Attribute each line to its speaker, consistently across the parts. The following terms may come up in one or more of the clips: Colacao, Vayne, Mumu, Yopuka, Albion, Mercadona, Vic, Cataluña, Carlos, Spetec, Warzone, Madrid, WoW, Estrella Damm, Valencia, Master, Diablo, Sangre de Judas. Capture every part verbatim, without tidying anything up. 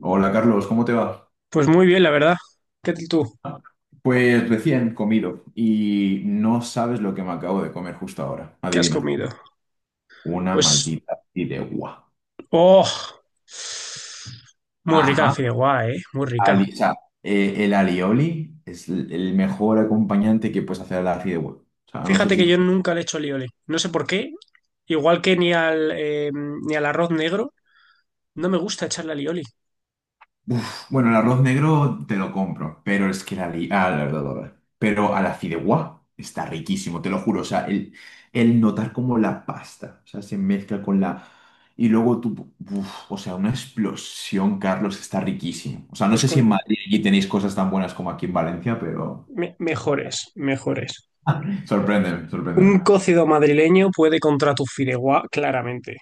Speaker 1: Hola Carlos, ¿cómo te va?
Speaker 2: Pues muy bien, la verdad. ¿Qué tal tú?
Speaker 1: Pues recién comido y no sabes lo que me acabo de comer justo ahora.
Speaker 2: ¿Qué has
Speaker 1: Adivina,
Speaker 2: comido?
Speaker 1: una
Speaker 2: Pues,
Speaker 1: maldita fideuá.
Speaker 2: oh, muy rica la
Speaker 1: Ajá,
Speaker 2: fideuá, eh, muy rica.
Speaker 1: ali- o sea, eh, el alioli es l- el mejor acompañante que puedes hacer a la fideuá. O sea, no sé
Speaker 2: Fíjate que
Speaker 1: si...
Speaker 2: yo nunca le he hecho alioli. No sé por qué, igual que ni al, eh, ni al arroz negro, no me gusta echarle alioli.
Speaker 1: Uf, bueno, el arroz negro te lo compro, pero es que la... li- ah, la verdad, la verdad. Pero a la fideuá está riquísimo, te lo juro. O sea, el, el notar como la pasta, o sea, se mezcla con la... Y luego tú... Uf, o sea, una explosión, Carlos, está riquísimo. O sea, no
Speaker 2: Pues
Speaker 1: sé si en
Speaker 2: con
Speaker 1: Madrid allí tenéis cosas tan buenas como aquí en Valencia, pero...
Speaker 2: me- mejores, mejores.
Speaker 1: Sorpréndeme, sorpréndeme.
Speaker 2: Un cocido madrileño puede contra tu fideuá, claramente.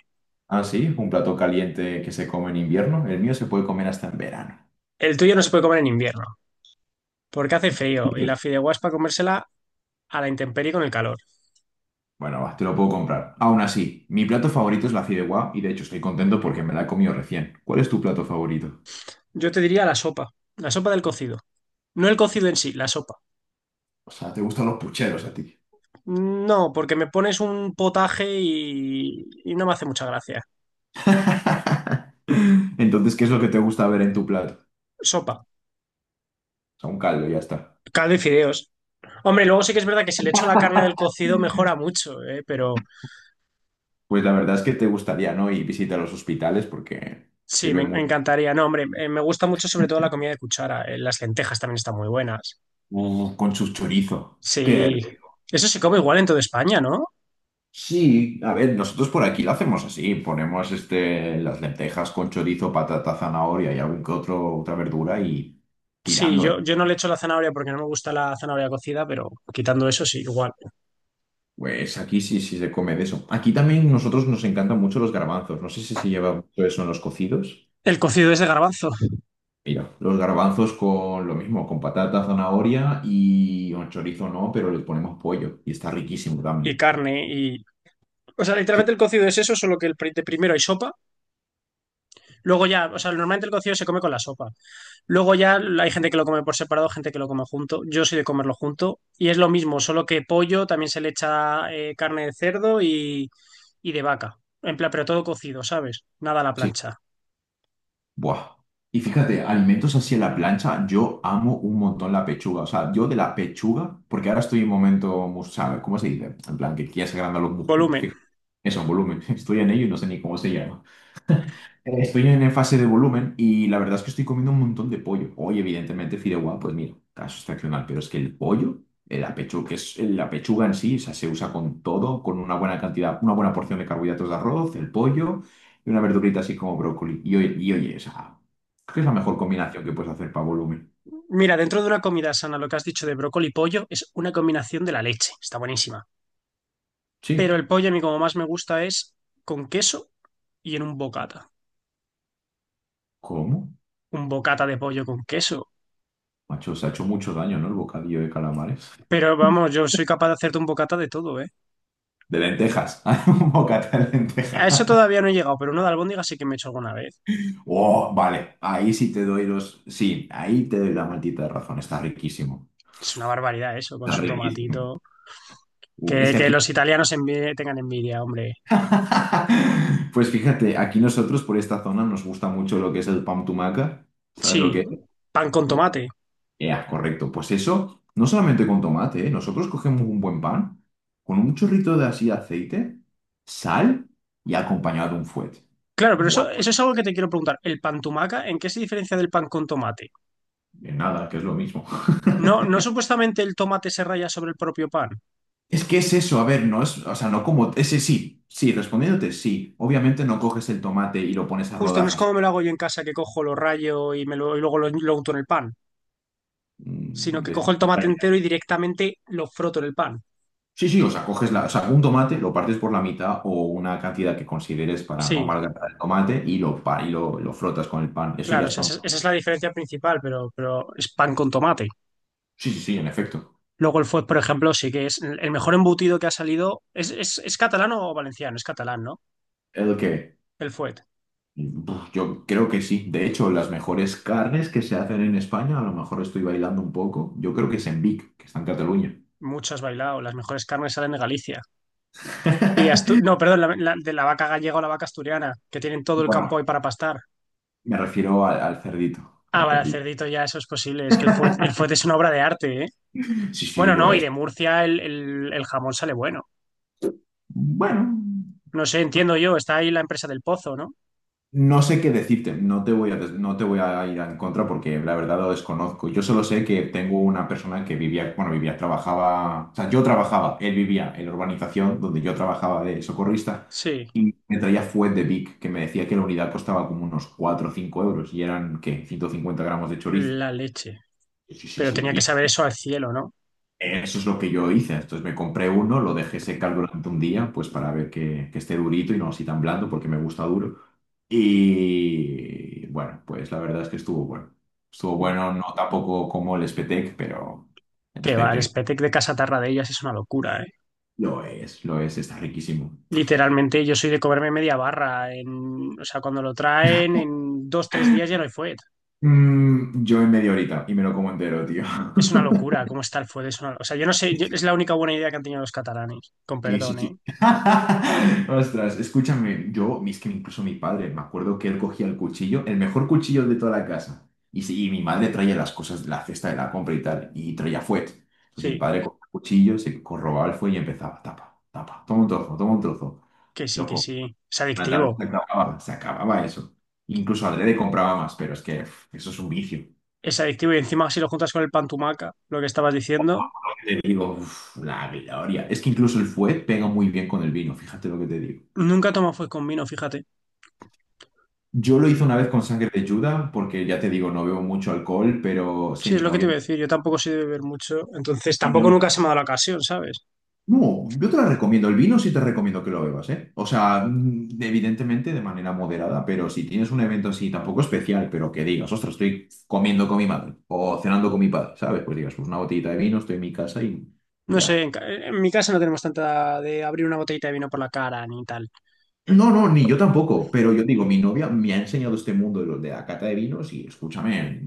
Speaker 1: Ah, sí, un plato caliente que se come en invierno. El mío se puede comer hasta en verano.
Speaker 2: El tuyo no se puede comer en invierno, porque hace frío y la fideuá es para comérsela a la intemperie con el calor.
Speaker 1: Bueno, va, te lo puedo comprar. Aún así, mi plato favorito es la fideuá y de hecho estoy contento porque me la he comido recién. ¿Cuál es tu plato favorito?
Speaker 2: Yo te diría la sopa, la sopa del cocido. No el cocido en sí, la sopa.
Speaker 1: O sea, te gustan los pucheros a ti.
Speaker 2: No, porque me pones un potaje y, y no me hace mucha gracia.
Speaker 1: Entonces, ¿qué es lo que te gusta ver en tu plato?
Speaker 2: Sopa,
Speaker 1: O sea, un caldo, ya está.
Speaker 2: caldo y fideos. Hombre, luego sí que es verdad que si le echo la carne del cocido mejora mucho, ¿eh? Pero
Speaker 1: Pues la verdad es que te gustaría, ¿no? Y visita los hospitales porque
Speaker 2: sí,
Speaker 1: sirve
Speaker 2: me, me
Speaker 1: mucho.
Speaker 2: encantaría. No, hombre, eh, me gusta mucho sobre todo la comida de cuchara. eh, Las lentejas también están muy buenas.
Speaker 1: Uh, con su chorizo. Qué
Speaker 2: Sí,
Speaker 1: rico.
Speaker 2: eso se come igual en toda España, ¿no?
Speaker 1: Sí, a ver, nosotros por aquí lo hacemos así, ponemos este, las lentejas con chorizo, patata, zanahoria y algún que otro, otra verdura y
Speaker 2: Sí,
Speaker 1: tirando,
Speaker 2: yo,
Speaker 1: ¿eh?
Speaker 2: yo no le echo la zanahoria porque no me gusta la zanahoria cocida, pero quitando eso sí, igual.
Speaker 1: Pues aquí sí, sí se come de eso. Aquí también nosotros nos encantan mucho los garbanzos. No sé si se lleva mucho eso en los cocidos.
Speaker 2: El cocido es de garbanzo
Speaker 1: Mira, los garbanzos con lo mismo, con patata, zanahoria y un chorizo no, pero le ponemos pollo y está riquísimo
Speaker 2: y
Speaker 1: también.
Speaker 2: carne y, o sea, literalmente
Speaker 1: Sí,
Speaker 2: el cocido es eso, solo que el pri- de primero hay sopa. Luego ya, o sea, normalmente el cocido se come con la sopa. Luego ya hay gente que lo come por separado, gente que lo come junto. Yo soy de comerlo junto. Y es lo mismo, solo que pollo también se le echa eh, carne de cerdo y, y de vaca. En plan, pero todo cocido, ¿sabes? Nada a la
Speaker 1: sí.
Speaker 2: plancha.
Speaker 1: Buah. Y fíjate, alimentos así en la plancha, yo amo un montón la pechuga. O sea, yo de la pechuga, porque ahora estoy en momento, mus- ¿sabes? ¿Cómo se dice? En plan, que quieres agrandar los músculos.
Speaker 2: Volumen.
Speaker 1: Fíjate, eso, en volumen. Estoy en ello y no sé ni cómo se llama. Eh, Estoy en en fase de volumen y la verdad es que estoy comiendo un montón de pollo. Hoy, evidentemente, fideuá, pues mira, está excepcional, pero es que el pollo, eh, la pechuga, que es la pechuga en sí, o sea, se usa con todo, con una buena cantidad, una buena porción de carbohidratos de arroz, el pollo y una verdurita así como brócoli. Y oye, y oye, o sea, creo que es la mejor combinación que puedes hacer para volumen.
Speaker 2: Mira, dentro de una comida sana, lo que has dicho de brócoli y pollo es una combinación de la leche. Está buenísima.
Speaker 1: Sí,
Speaker 2: Pero el pollo a mí como más me gusta es con queso y en un bocata.
Speaker 1: ¿cómo?
Speaker 2: Un bocata de pollo con queso.
Speaker 1: Macho, se ha hecho mucho daño, ¿no? El bocadillo de calamares.
Speaker 2: Pero vamos, yo soy capaz de hacerte un bocata de todo, ¿eh?
Speaker 1: De lentejas, un bocata de
Speaker 2: A
Speaker 1: lentejas.
Speaker 2: eso todavía no he llegado, pero uno de albóndiga sí que me he hecho alguna vez.
Speaker 1: Oh, vale, ahí sí te doy los. Sí, ahí te doy la maldita razón. Está riquísimo.
Speaker 2: Es una barbaridad eso, con
Speaker 1: Está
Speaker 2: su
Speaker 1: riquísimo.
Speaker 2: tomatito. Que,
Speaker 1: Uf, es que
Speaker 2: que
Speaker 1: aquí.
Speaker 2: los italianos envi- tengan envidia, hombre.
Speaker 1: Pues fíjate, aquí nosotros por esta zona nos gusta mucho lo que es el pan tumaca. ¿Sabes lo
Speaker 2: Sí,
Speaker 1: que es?
Speaker 2: pan con
Speaker 1: Pues,
Speaker 2: tomate.
Speaker 1: ya, correcto. Pues eso, no solamente con tomate, ¿eh? Nosotros cogemos un buen pan, con un chorrito de así aceite, sal y acompañado de un fuet.
Speaker 2: Claro, pero
Speaker 1: Buah,
Speaker 2: eso, eso es algo que te quiero preguntar. ¿El pan tumaca en qué se diferencia del pan con tomate?
Speaker 1: de nada, que es lo mismo.
Speaker 2: No, no supuestamente el tomate se raya sobre el propio pan.
Speaker 1: Es que es eso, a ver, no es, o sea, no como, ese sí, sí, respondiéndote, sí. Obviamente no coges el tomate y lo pones a
Speaker 2: Justo, no es
Speaker 1: rodajas.
Speaker 2: como me lo hago yo en casa, que cojo, lo rayo y, me lo, y luego lo, lo unto en el pan. Sino
Speaker 1: Mm,
Speaker 2: que
Speaker 1: de-
Speaker 2: cojo el tomate
Speaker 1: Vaya.
Speaker 2: entero y directamente lo froto en el pan.
Speaker 1: Sí, sí, o sea, coges la, o sea, un tomate, lo partes por la mitad o una cantidad que consideres para no
Speaker 2: Sí.
Speaker 1: amalgamar el tomate y lo, pa- y lo, lo frotas con el pan. Eso ya
Speaker 2: Claro,
Speaker 1: es
Speaker 2: esa,
Speaker 1: pan.
Speaker 2: es esa es la diferencia principal, pero, pero es pan con tomate.
Speaker 1: Sí, sí, sí, en efecto.
Speaker 2: Luego el fuet, por ejemplo, sí que es el mejor embutido que ha salido. ¿Es, es, es catalán o valenciano? Es catalán, ¿no?
Speaker 1: Es lo que
Speaker 2: El fuet.
Speaker 1: buf, yo creo que sí. De hecho, las mejores carnes que se hacen en España, a lo mejor estoy bailando un poco, yo creo que es en Vic, que está en Cataluña.
Speaker 2: Mucho has bailado. Las mejores carnes salen de Galicia. Y de Astur... No, perdón, la- la- de la vaca gallega o la vaca asturiana, que tienen todo el campo
Speaker 1: Bueno,
Speaker 2: ahí para pastar.
Speaker 1: me refiero al, al cerdito,
Speaker 2: Ah,
Speaker 1: al
Speaker 2: vale, el
Speaker 1: cerdito.
Speaker 2: cerdito ya eso es posible. Es que el fuet, el fuet es una obra de arte, ¿eh?
Speaker 1: Sí, sí,
Speaker 2: Bueno,
Speaker 1: lo
Speaker 2: no, y
Speaker 1: es.
Speaker 2: de Murcia el, el, el jamón sale bueno.
Speaker 1: Bueno,
Speaker 2: No sé, entiendo yo. Está ahí la empresa del pozo, ¿no?
Speaker 1: no sé qué decirte, no te voy a, des- no te voy a ir en contra porque la verdad lo desconozco. Yo solo sé que tengo una persona que vivía, bueno, vivía, trabajaba, o sea, yo trabajaba, él vivía en la urbanización donde yo trabajaba de socorrista
Speaker 2: Sí,
Speaker 1: y me traía fuet de Vic, que me decía que la unidad costaba como unos cuatro o cinco euros y eran, ¿qué? ciento cincuenta gramos de chorizo.
Speaker 2: la leche.
Speaker 1: Sí, sí,
Speaker 2: Pero tenía que
Speaker 1: sí.
Speaker 2: saber eso al cielo, ¿no?
Speaker 1: Eso es lo que yo hice. Entonces me compré uno, lo dejé secar durante un día, pues para ver que, que esté durito y no así tan blando, porque me gusta duro. Y bueno, pues la verdad es que estuvo bueno. Estuvo
Speaker 2: Que
Speaker 1: bueno, no tampoco como el Spetec, pero el
Speaker 2: va, el
Speaker 1: Spetec
Speaker 2: Spetek de Casa ellas es una locura, ¿eh?
Speaker 1: lo es, lo es, está riquísimo.
Speaker 2: Literalmente yo soy de comerme media barra. En, o sea, cuando lo traen, en dos, tres días ya no hay fuet.
Speaker 1: Mm, yo en media horita y me lo como entero, tío.
Speaker 2: Es una locura cómo está el fuet. Es una- o sea, yo no sé, yo- es la única buena idea que han tenido los catalanes. Con
Speaker 1: Sí, sí,
Speaker 2: perdón, ¿eh?
Speaker 1: sí. Ostras, escúchame, yo, es que incluso mi padre, me acuerdo que él cogía el cuchillo, el mejor cuchillo de toda la casa, y, sí, y mi madre traía las cosas de la cesta de la compra y tal, y traía fuet. Entonces mi
Speaker 2: Sí,
Speaker 1: padre cogía el cuchillo, se corrobaba el fuet y empezaba, tapa, tapa, toma un trozo, toma un trozo.
Speaker 2: que sí, que
Speaker 1: Loco,
Speaker 2: sí. Es
Speaker 1: una tarde se
Speaker 2: adictivo.
Speaker 1: acababa, se acababa eso. Incluso adrede compraba más, pero es que uf, eso es un vicio.
Speaker 2: Es adictivo y encima si lo juntas con el pan tumaca, lo que estabas diciendo,
Speaker 1: Te digo, uf, la gloria. Es que incluso el fuet pega muy bien con el vino, fíjate lo que te digo.
Speaker 2: nunca tomo fuet con vino, fíjate.
Speaker 1: Yo lo hice una vez con sangre de Judas, porque ya te digo, no bebo mucho alcohol, pero sí,
Speaker 2: Sí, es
Speaker 1: mi
Speaker 2: lo que te
Speaker 1: novia.
Speaker 2: iba a decir. Yo tampoco soy de beber mucho, entonces
Speaker 1: Mi
Speaker 2: tampoco
Speaker 1: novia.
Speaker 2: nunca se me ha dado la ocasión, ¿sabes?
Speaker 1: No, yo te la recomiendo. El vino sí te recomiendo que lo bebas, ¿eh? O sea, mm, evidentemente de manera moderada, pero si tienes un evento así tampoco especial, pero que digas, ostras, estoy comiendo con mi madre o cenando con mi padre, ¿sabes? Pues digas, pues una botellita de vino, estoy en mi casa y
Speaker 2: No sé,
Speaker 1: ya.
Speaker 2: en, ca- en mi casa no tenemos tanta de abrir una botellita de vino por la cara ni tal.
Speaker 1: No, no, ni yo tampoco, pero yo digo, mi novia me ha enseñado este mundo de, lo- de la cata de vinos y escúchame,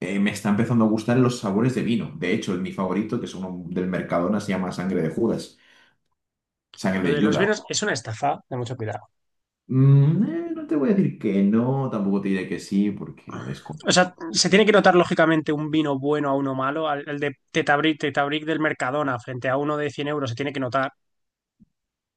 Speaker 1: eh, me está empezando a gustar los sabores de vino. De hecho, mi favorito, que es uno del Mercadona, se llama Sangre de Judas, Sangre
Speaker 2: Lo
Speaker 1: de
Speaker 2: de los
Speaker 1: Judas.
Speaker 2: vinos es una estafa de mucho cuidado.
Speaker 1: Mm, eh, no te voy a decir que no, tampoco te diré que sí, porque lo
Speaker 2: O sea,
Speaker 1: desconozco.
Speaker 2: se tiene que notar lógicamente un vino bueno a uno malo. Al, el de Tetabric, Tetabric del Mercadona frente a uno de cien euros se tiene que notar.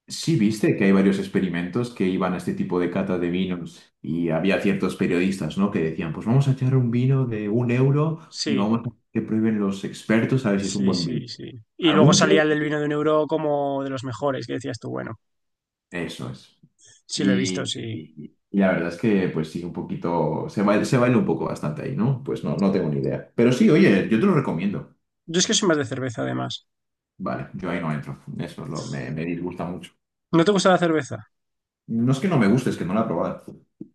Speaker 1: Sí, viste que hay varios experimentos que iban a este tipo de cata de vinos y había ciertos periodistas, ¿no? que decían, pues vamos a echar un vino de un euro y
Speaker 2: Sí,
Speaker 1: vamos a que prueben los expertos a ver si es un
Speaker 2: sí,
Speaker 1: buen vino.
Speaker 2: sí, sí. Y luego
Speaker 1: Algún que...
Speaker 2: salía el del vino de un euro como de los mejores, que decías tú, bueno,
Speaker 1: Eso es.
Speaker 2: sí lo he visto,
Speaker 1: Y,
Speaker 2: sí.
Speaker 1: y- y la verdad es que, pues sí, un poquito, se baila, se baila un poco bastante ahí, ¿no? Pues no, no tengo ni idea. Pero sí, oye, yo te lo recomiendo.
Speaker 2: Yo es que soy más de cerveza además.
Speaker 1: Vale, yo ahí no entro. Eso es lo, me, me disgusta mucho.
Speaker 2: ¿No te gusta la cerveza?
Speaker 1: No es que no me guste, es que no la he probado.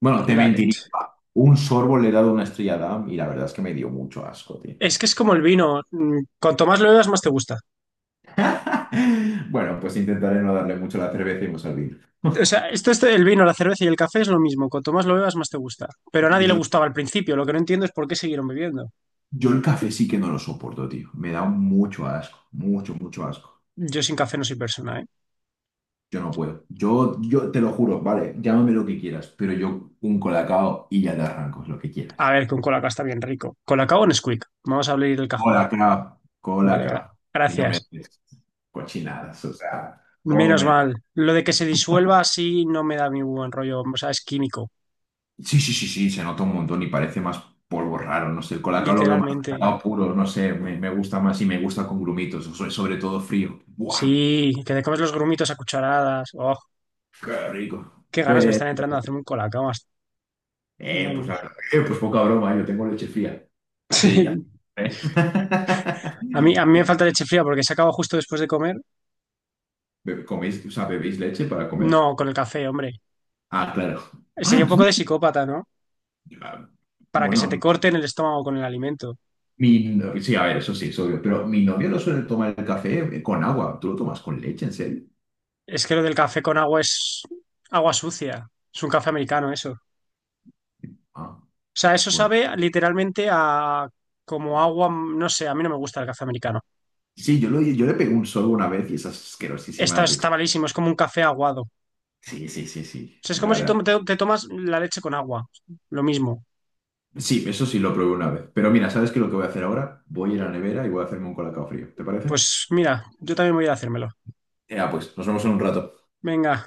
Speaker 1: Bueno, te
Speaker 2: La
Speaker 1: mentiría.
Speaker 2: leche.
Speaker 1: Un sorbo le he dado una estrella Damm y la verdad es que me dio mucho asco, tío.
Speaker 2: Es que es como el vino. mm, Cuanto más lo bebas, más te gusta.
Speaker 1: Bueno, pues intentaré no darle mucho a la cerveza y no servir.
Speaker 2: O sea, esto, esto del vino, la cerveza y el café es lo mismo. Cuanto más lo bebas, más te gusta. Pero a nadie le
Speaker 1: Yo,
Speaker 2: gustaba al principio. Lo que no entiendo es por qué siguieron bebiendo.
Speaker 1: yo el café sí que no lo soporto, tío. Me da mucho asco, mucho, mucho asco.
Speaker 2: Yo sin café no soy persona, ¿eh?
Speaker 1: Yo no puedo. Yo, yo te lo juro, vale, llámame lo que quieras, pero yo un colacao y ya te arranco, lo que quieras.
Speaker 2: A ver, que un colacao está bien rico. Colacao o Nesquik. Vamos a abrir el cajón.
Speaker 1: Colacao,
Speaker 2: Vale, gra-
Speaker 1: colacao. Y no me
Speaker 2: gracias.
Speaker 1: des cochinadas, o sea,
Speaker 2: Menos
Speaker 1: obviamente.
Speaker 2: mal. Lo de que se disuelva así no me da mi buen rollo. O sea, es químico.
Speaker 1: Sí, sí, sí, sí, se nota un montón y parece más polvo raro, no sé, el colacao lo veo más
Speaker 2: Literalmente.
Speaker 1: cacao puro, no sé, me, me gusta más y me gusta con grumitos, so- sobre todo frío. ¡Buah!
Speaker 2: Sí, que te comes los grumitos a cucharadas. Oh,
Speaker 1: ¡Qué rico!
Speaker 2: qué ganas me
Speaker 1: Pero,
Speaker 2: están entrando de hacerme un colacao. hasta-
Speaker 1: eh, pues la
Speaker 2: Vamos.
Speaker 1: verdad, eh, pues poca broma, yo tengo leche fría. Hace ella. ¿Eh?
Speaker 2: A mí, a mí me falta leche fría porque se acaba justo después de comer.
Speaker 1: Be- ¿Coméis, o sea, bebéis leche para comer?
Speaker 2: No, con el café, hombre.
Speaker 1: Ah, claro.
Speaker 2: Sería
Speaker 1: Ah,
Speaker 2: un poco
Speaker 1: tú-
Speaker 2: de psicópata, ¿no?
Speaker 1: ah,
Speaker 2: Para que se te
Speaker 1: bueno,
Speaker 2: corte en el estómago con el alimento.
Speaker 1: mi, no- sí, a ver, eso sí, es obvio, pero mi novio no suele tomar el café eh, con agua, ¿tú lo tomas con leche, en serio?
Speaker 2: Es que lo del café con agua es agua sucia. Es un café americano eso. O
Speaker 1: Ah,
Speaker 2: sea, eso
Speaker 1: pues
Speaker 2: sabe literalmente a como agua, no sé, a mí no me gusta el café americano.
Speaker 1: sí, yo, lo- yo le pegué un solo una vez y es
Speaker 2: Está,
Speaker 1: asquerosísima la
Speaker 2: está
Speaker 1: textura.
Speaker 2: malísimo, es como un café aguado. O
Speaker 1: Sí, sí, sí, sí,
Speaker 2: sea, es
Speaker 1: la
Speaker 2: como si
Speaker 1: verdad.
Speaker 2: tom- te, te tomas la leche con agua, lo mismo.
Speaker 1: Sí, eso sí lo probé una vez. Pero mira, ¿sabes qué es lo que voy a hacer ahora? Voy a ir a la nevera y voy a hacerme un colacao frío, ¿te parece?
Speaker 2: Pues mira, yo también voy a ir a hacérmelo.
Speaker 1: Ya, pues, nos vemos en un rato.
Speaker 2: Venga.